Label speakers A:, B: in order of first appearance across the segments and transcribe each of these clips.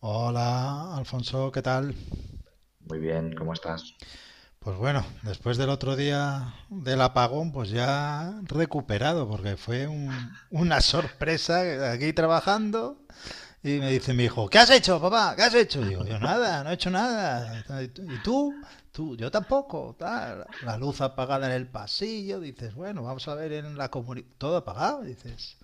A: Hola, Alfonso, ¿qué tal?
B: Muy bien, ¿cómo estás?
A: Pues bueno, después del otro día del apagón, pues ya recuperado, porque fue una sorpresa aquí trabajando y me dice mi hijo, ¿qué has hecho, papá? ¿Qué has hecho? Digo, yo nada, no he hecho nada. ¿Y tú? Tú, yo tampoco. Tal. La luz apagada en el pasillo, dices, bueno, vamos a ver en la comunidad, todo apagado, dices.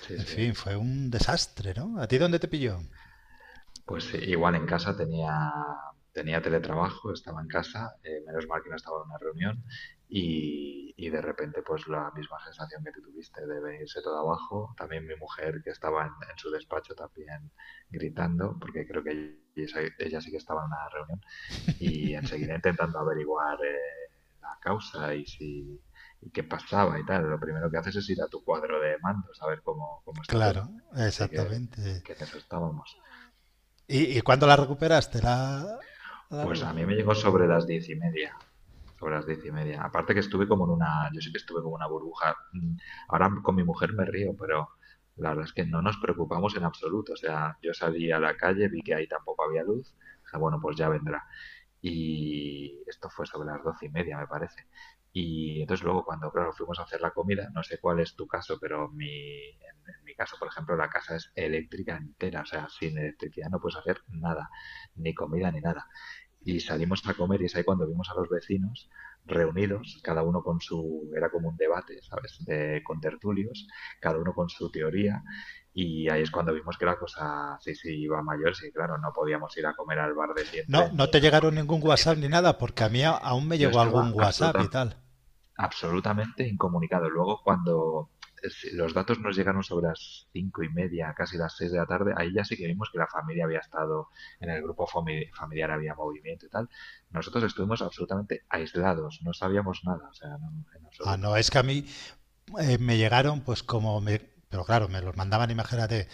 B: Sí,
A: En
B: sí.
A: fin, fue un desastre, ¿no? ¿A ti dónde te pilló?
B: Pues sí, igual en casa tenía teletrabajo, estaba en casa, menos mal que no estaba en una reunión y de repente pues la misma sensación que tú tuviste de venirse todo abajo. También mi mujer que estaba en su despacho también gritando porque creo que ella sí que estaba en una reunión y enseguida intentando averiguar la causa y si y qué pasaba y tal. Lo primero que haces es ir a tu cuadro de mandos a ver cómo está todo.
A: Claro,
B: Así que,
A: exactamente.
B: que en eso estábamos.
A: Y cuándo la recuperaste la, la
B: Pues
A: luz?
B: a mí me llegó sobre las 10:30. Sobre las diez y media. Aparte que estuve como en una, yo sé que estuve como una burbuja. Ahora con mi mujer me río, pero la verdad es que no nos preocupamos en absoluto. O sea, yo salí a la calle, vi que ahí tampoco había luz. Dije, bueno, pues ya vendrá. Y esto fue sobre las 12:30, me parece. Y entonces luego cuando, claro, fuimos a hacer la comida, no sé cuál es tu caso, pero mi, en mi caso, por ejemplo, la casa es eléctrica entera, o sea, sin electricidad no puedes hacer nada, ni comida ni nada y salimos a comer y es ahí cuando vimos a los vecinos reunidos, cada uno con su, era como un debate, ¿sabes? De, con tertulios, cada uno con su teoría y ahí es cuando vimos que la cosa sí, sí iba mayor, sí, claro, no podíamos ir a comer al bar de
A: No,
B: siempre
A: no
B: ni
A: te
B: nada,
A: llegaron
B: porque
A: ningún
B: nadie
A: WhatsApp ni
B: tendría.
A: nada, porque a mí aún me
B: Yo
A: llegó
B: estaba
A: algún WhatsApp y
B: absolutamente
A: tal.
B: absolutamente incomunicado. Luego, cuando si los datos nos llegaron sobre las 5:30, casi las 6 de la tarde, ahí ya sí que vimos que la familia había estado en el grupo familiar, había movimiento y tal. Nosotros estuvimos absolutamente aislados, no sabíamos nada, o sea, no, en
A: Ah,
B: absoluto.
A: no, es que a mí me llegaron, pues como me. Pero claro, me los mandaban, imagínate.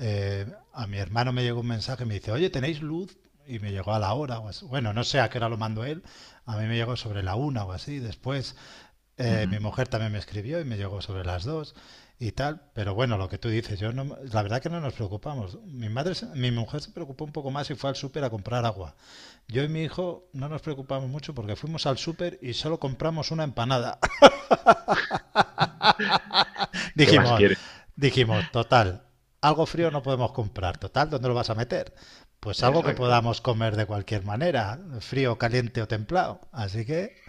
A: eh, a mi hermano me llegó un mensaje y me dice, oye, ¿tenéis luz? Y me llegó a la hora o así. Bueno, no sé a qué hora lo mandó él. A mí me llegó sobre la una o así. Después
B: Ujú.
A: mi mujer también me escribió y me llegó sobre las dos y tal, pero bueno, lo que tú dices, yo no, la verdad que no nos preocupamos. Mi madre, mi mujer se preocupó un poco más y fue al súper a comprar agua. Yo y mi hijo no nos preocupamos mucho porque fuimos al súper y solo compramos una empanada.
B: ¿Qué más
A: Dijimos,
B: quieres?
A: dijimos, total, algo frío no podemos comprar, total, ¿dónde lo vas a meter? Pues algo que
B: Exacto.
A: podamos comer de cualquier manera, frío, caliente o templado. Así que,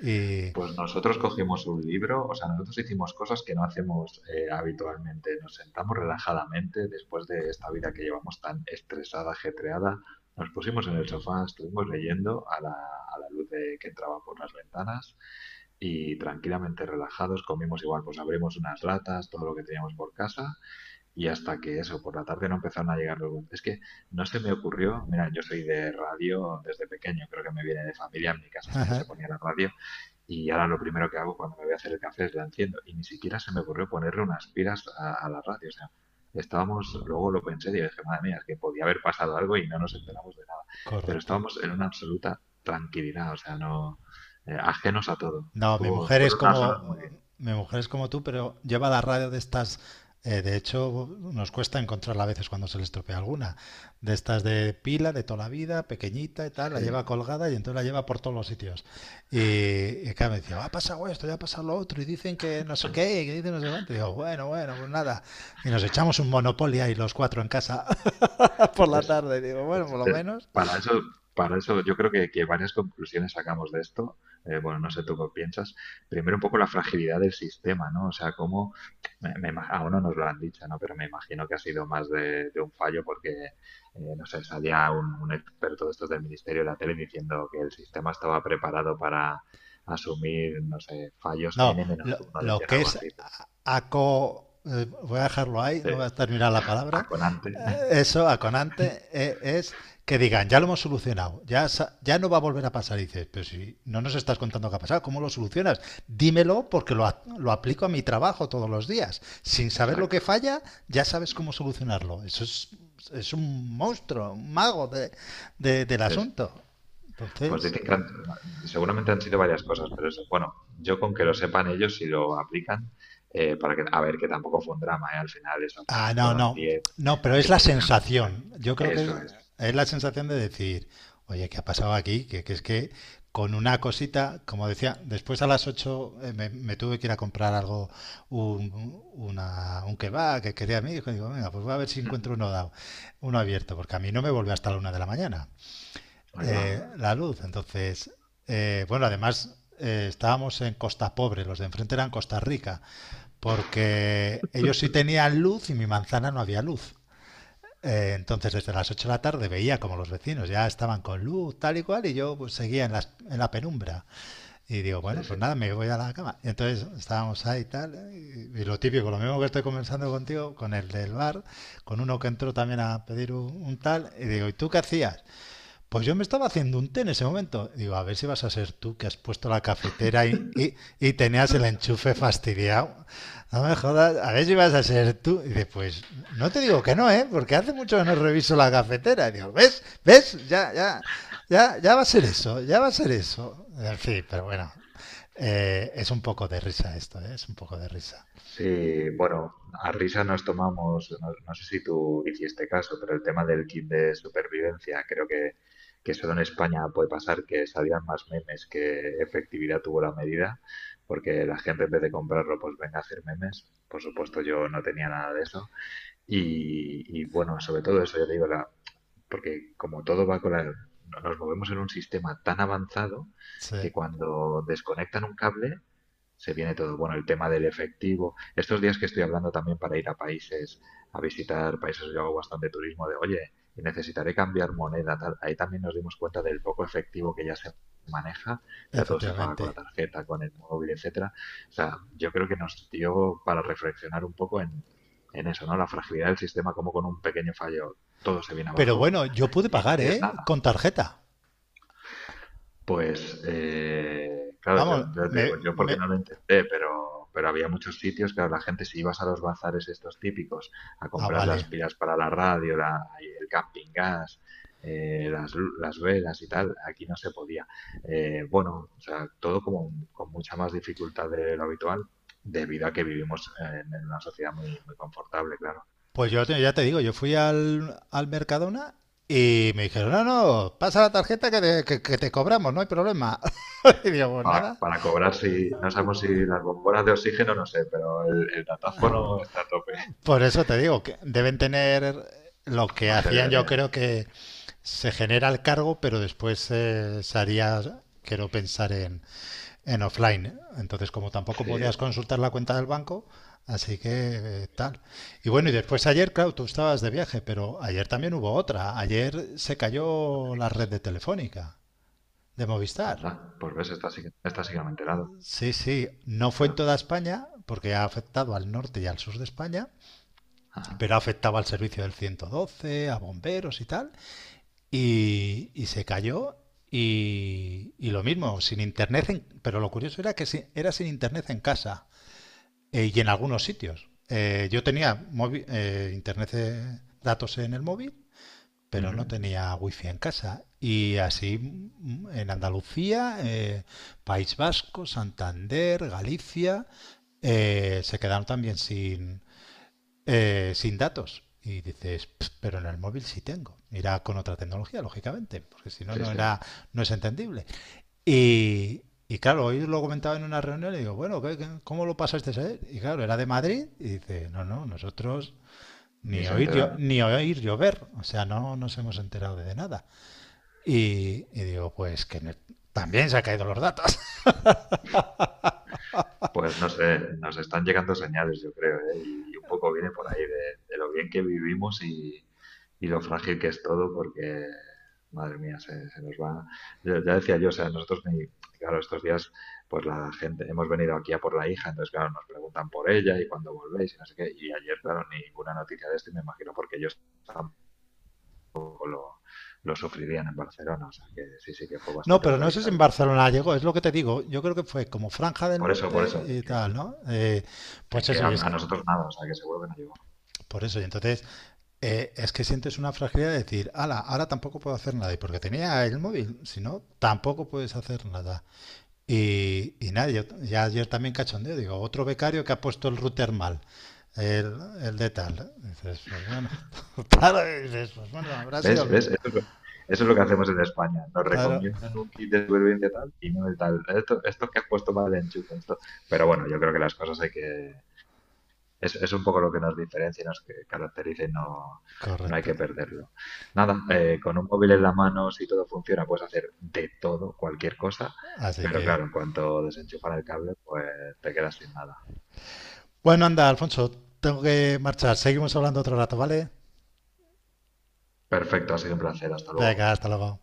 A: y,
B: Pues nosotros cogimos un libro, o sea, nosotros hicimos cosas que no hacemos habitualmente. Nos sentamos relajadamente después de esta vida que llevamos tan estresada, ajetreada. Nos pusimos en el sofá, estuvimos leyendo a la luz que entraba por las ventanas y tranquilamente relajados comimos igual, pues abrimos unas latas, todo lo que teníamos por casa y hasta que eso, por la tarde no empezaron a llegar los... Es que no se me ocurrió, mira, yo soy de radio desde pequeño, creo que me viene de familia, en mi casa siempre se ponía la radio. Y ahora lo primero que hago cuando me voy a hacer el café es la enciendo. Y ni siquiera se me ocurrió ponerle unas pilas a la radio. O sea, estábamos, luego lo pensé y dije, madre mía, es que podía haber pasado algo y no nos enteramos de nada. Pero
A: correcto.
B: estábamos en una absoluta tranquilidad, o sea, no, ajenos a todo.
A: No, mi
B: Estuvo,
A: mujer es
B: fueron unas horas
A: como,
B: muy bien.
A: mi mujer es como tú, pero lleva la radio de estas. De hecho, nos cuesta encontrarla a veces cuando se le estropea alguna. De estas de pila, de toda la vida, pequeñita y tal, la
B: Sí.
A: lleva colgada y entonces la lleva por todos los sitios. Y claro, me decía, ha pasado esto, ya ha pasado lo otro, y dicen que no sé qué, y que dicen no sé cuánto. Y digo, bueno, bueno, pues nada. Y nos echamos un Monopoly ahí los cuatro en casa por la
B: ¿Ves?
A: tarde. Y digo, bueno, por lo
B: Este,
A: menos...
B: para eso, para eso yo creo que varias conclusiones sacamos de esto. Bueno, no sé tú qué piensas. Primero, un poco la fragilidad del sistema, ¿no? O sea, cómo, me- me ima- aún no nos lo han dicho, ¿no? Pero me imagino que ha sido más de un fallo porque, no sé, salía un experto de estos del Ministerio de la Tele diciendo que el sistema estaba preparado para asumir, no sé, fallos
A: No,
B: n uno,
A: lo
B: decían
A: que
B: algo
A: es
B: así. Pero,
A: voy a dejarlo ahí,
B: sí,
A: no voy a terminar la palabra.
B: Aconante.
A: Eso, aconante, es que digan, ya lo hemos solucionado, ya, ya no va a volver a pasar. Y dices, pero si no nos estás contando qué ha pasado, ¿cómo lo solucionas? Dímelo porque lo, lo aplico a mi trabajo todos los días. Sin saber lo que
B: Exacto.
A: falla, ya sabes cómo solucionarlo. Eso es un monstruo, un mago del
B: Sí, sí.
A: asunto.
B: Pues
A: Entonces,
B: dicen que seguramente han sido varias cosas, pero eso, bueno, yo, con que lo sepan ellos si lo aplican, para que, a ver, que tampoco fue un drama, ¿eh? Al final eso,
A: ah,
B: pues
A: no,
B: fueron
A: no. No, pero es
B: 10
A: la
B: personas.
A: sensación. Yo creo que
B: Eso es.
A: es la sensación de decir, oye, ¿qué ha pasado aquí? Que es que con una cosita, como decía, después a las 8 me, me tuve que ir a comprar algo, un, un kebab que quería mi hijo. Y digo, venga, pues voy a ver si encuentro uno dado, uno abierto, porque a mí no me vuelve hasta la una de la mañana
B: Ahí va.
A: la luz. Entonces, bueno, además estábamos en Costa Pobre, los de enfrente eran Costa Rica. Porque ellos sí tenían luz y mi manzana no había luz. Entonces, desde las 8 de la tarde veía como los vecinos ya estaban con luz, tal y cual, y yo pues, seguía en la penumbra. Y digo, bueno,
B: Sí, sí.
A: pues nada, me voy a la cama. Y entonces estábamos ahí tal, y lo típico, lo mismo que estoy conversando contigo, con el del bar, con uno que entró también a pedir un tal, y digo, ¿y tú qué hacías? Pues yo me estaba haciendo un té en ese momento. Digo, a ver si vas a ser tú que has puesto la cafetera y y tenías el enchufe fastidiado. No me jodas, a ver si vas a ser tú. Y dice, pues no te digo que no, ¿eh? Porque hace mucho que no reviso la cafetera. Y digo, ¿ves? ¿Ves? Ya, ya, ya, ya va a ser eso, ya va a ser eso. En fin, pero bueno, es un poco de risa esto, ¿eh? Es un poco de risa.
B: Sí, bueno, a risa nos tomamos, no, no sé si tú hiciste caso, pero el tema del kit de supervivencia, creo que solo en España puede pasar que salían más memes que efectividad tuvo la medida, porque la gente en vez de comprarlo, pues venga a hacer memes. Por supuesto, yo no tenía nada de eso. Y bueno, sobre todo eso, yo te digo, porque como todo va con nos movemos en un sistema tan avanzado
A: Sí,
B: que cuando desconectan un cable se viene todo. Bueno, el tema del efectivo. Estos días que estoy hablando también para ir a países, a visitar países, yo hago bastante turismo de, oye, necesitaré cambiar moneda, tal. Ahí también nos dimos cuenta del poco efectivo que ya se maneja, ya todo se paga con la
A: efectivamente.
B: tarjeta, con el móvil, etcétera. O sea, yo creo que nos dio para reflexionar un poco en eso, ¿no? La fragilidad del sistema, como con un pequeño fallo todo se viene
A: Pero
B: abajo
A: bueno, yo pude
B: y no
A: pagar,
B: tienes
A: ¿eh?
B: nada.
A: Con tarjeta.
B: Pues, claro, yo,
A: Vamos,
B: yo te digo,
A: me,
B: yo porque
A: me...
B: no lo intenté, pero había muchos sitios, claro, la gente si ibas a los bazares estos típicos a
A: Ah,
B: comprar las
A: vale.
B: pilas para la radio, el camping gas, las velas y tal, aquí no se podía. Bueno, o sea, todo como con mucha más dificultad de lo habitual, debido a que vivimos en una sociedad muy, muy confortable, claro.
A: Pues yo ya te digo, yo fui al, al Mercadona y me dijeron, no, no, pasa la tarjeta que te, que te cobramos, no hay problema. Y digo, pues
B: Para,
A: nada.
B: para cobrar, si, no sabemos si las bombonas de oxígeno, no sé, pero el datáfono está a tope.
A: Por eso te digo, que deben tener lo que
B: Magia
A: hacían, yo
B: gracias.
A: creo que se genera el cargo, pero después se haría, quiero pensar en offline. Entonces, como tampoco podías
B: Sí,
A: consultar la cuenta del banco, así que tal. Y bueno, y después ayer, claro, tú estabas de viaje, pero ayer también hubo otra. Ayer se cayó la red
B: digas,
A: de Telefónica, de Movistar.
B: anda, pues ves, esta sí que no me he enterado,
A: Sí, sí, no fue en
B: claro.
A: toda España, porque ha afectado al norte y al sur de España,
B: Ajá.
A: pero afectaba al servicio del 112, a bomberos y tal. Y se cayó y lo mismo, sin internet, en- pero lo curioso era que era sin internet en casa. Y en algunos sitios. Yo tenía móvil, internet de datos en el móvil, pero no
B: Ujú.
A: tenía wifi en casa. Y así mm, en Andalucía, País Vasco, Santander, Galicia, se quedaron también sin, sin datos. Y dices, pero en el móvil sí tengo. Irá con otra tecnología, lógicamente, porque si no,
B: Sí,
A: no,
B: sí,
A: era, no es entendible. Y claro, hoy lo comentaba en una reunión y digo, bueno, ¿cómo lo pasaste ayer? Y claro, era de Madrid y dice, no, no, nosotros
B: ni
A: ni
B: se
A: oír,
B: enteran.
A: ni oír llover, o sea, no nos hemos enterado de nada. Y digo, pues que también se han caído los datos.
B: Pues no sé, nos están llegando señales, yo creo, ¿eh? Y un poco viene por ahí de lo bien que vivimos y lo frágil que es todo, porque, madre mía, se nos va. Ya decía yo, o sea, nosotros, ni, claro, estos días, pues la gente, hemos venido aquí a por la hija, entonces, claro, nos preguntan por ella y cuándo volvéis y no sé qué. Y ayer, claro, ninguna noticia de esto y me imagino porque ellos poco lo sufrirían en Barcelona, o sea que sí, sí que fue
A: No,
B: bastante
A: pero no sé si en
B: localizado.
A: Barcelona llegó, es lo que te digo, yo creo que fue como Franja del
B: Por
A: Norte
B: eso,
A: y tal, ¿no? Pues
B: que
A: eso,
B: a,
A: y es
B: a
A: que...
B: nosotros nada, o sea que seguro que no llegó.
A: Por eso, y entonces es que sientes una fragilidad de decir, ala, ahora tampoco puedo hacer nada. Y porque tenía el móvil, si no, tampoco puedes hacer nada. Y nada, yo, ya ayer también cachondeo, digo, otro becario que ha puesto el router mal. El, el de tal. Dices, pues bueno, claro, dices, pues bueno, habrá sido.
B: ¿Ves?
A: El-
B: ¿Ves? Eso es lo que hacemos en España. Nos
A: Claro,
B: recomiendan un kit de supervivencia tal y no el tal. Esto que has puesto mal de enchufe, esto. Pero bueno, yo creo que las cosas es un poco lo que nos diferencia y nos caracteriza y no, no hay
A: correcto.
B: que perderlo. Nada, con un móvil en la mano, si todo funciona, puedes hacer de todo, cualquier cosa,
A: Así
B: pero
A: que.
B: claro, en cuanto desenchufan el cable, pues te quedas sin nada.
A: Bueno, anda, Alfonso, tengo que marchar. Seguimos hablando otro rato, ¿vale?
B: Perfecto, ha sido un placer, hasta luego.
A: Venga, hasta luego.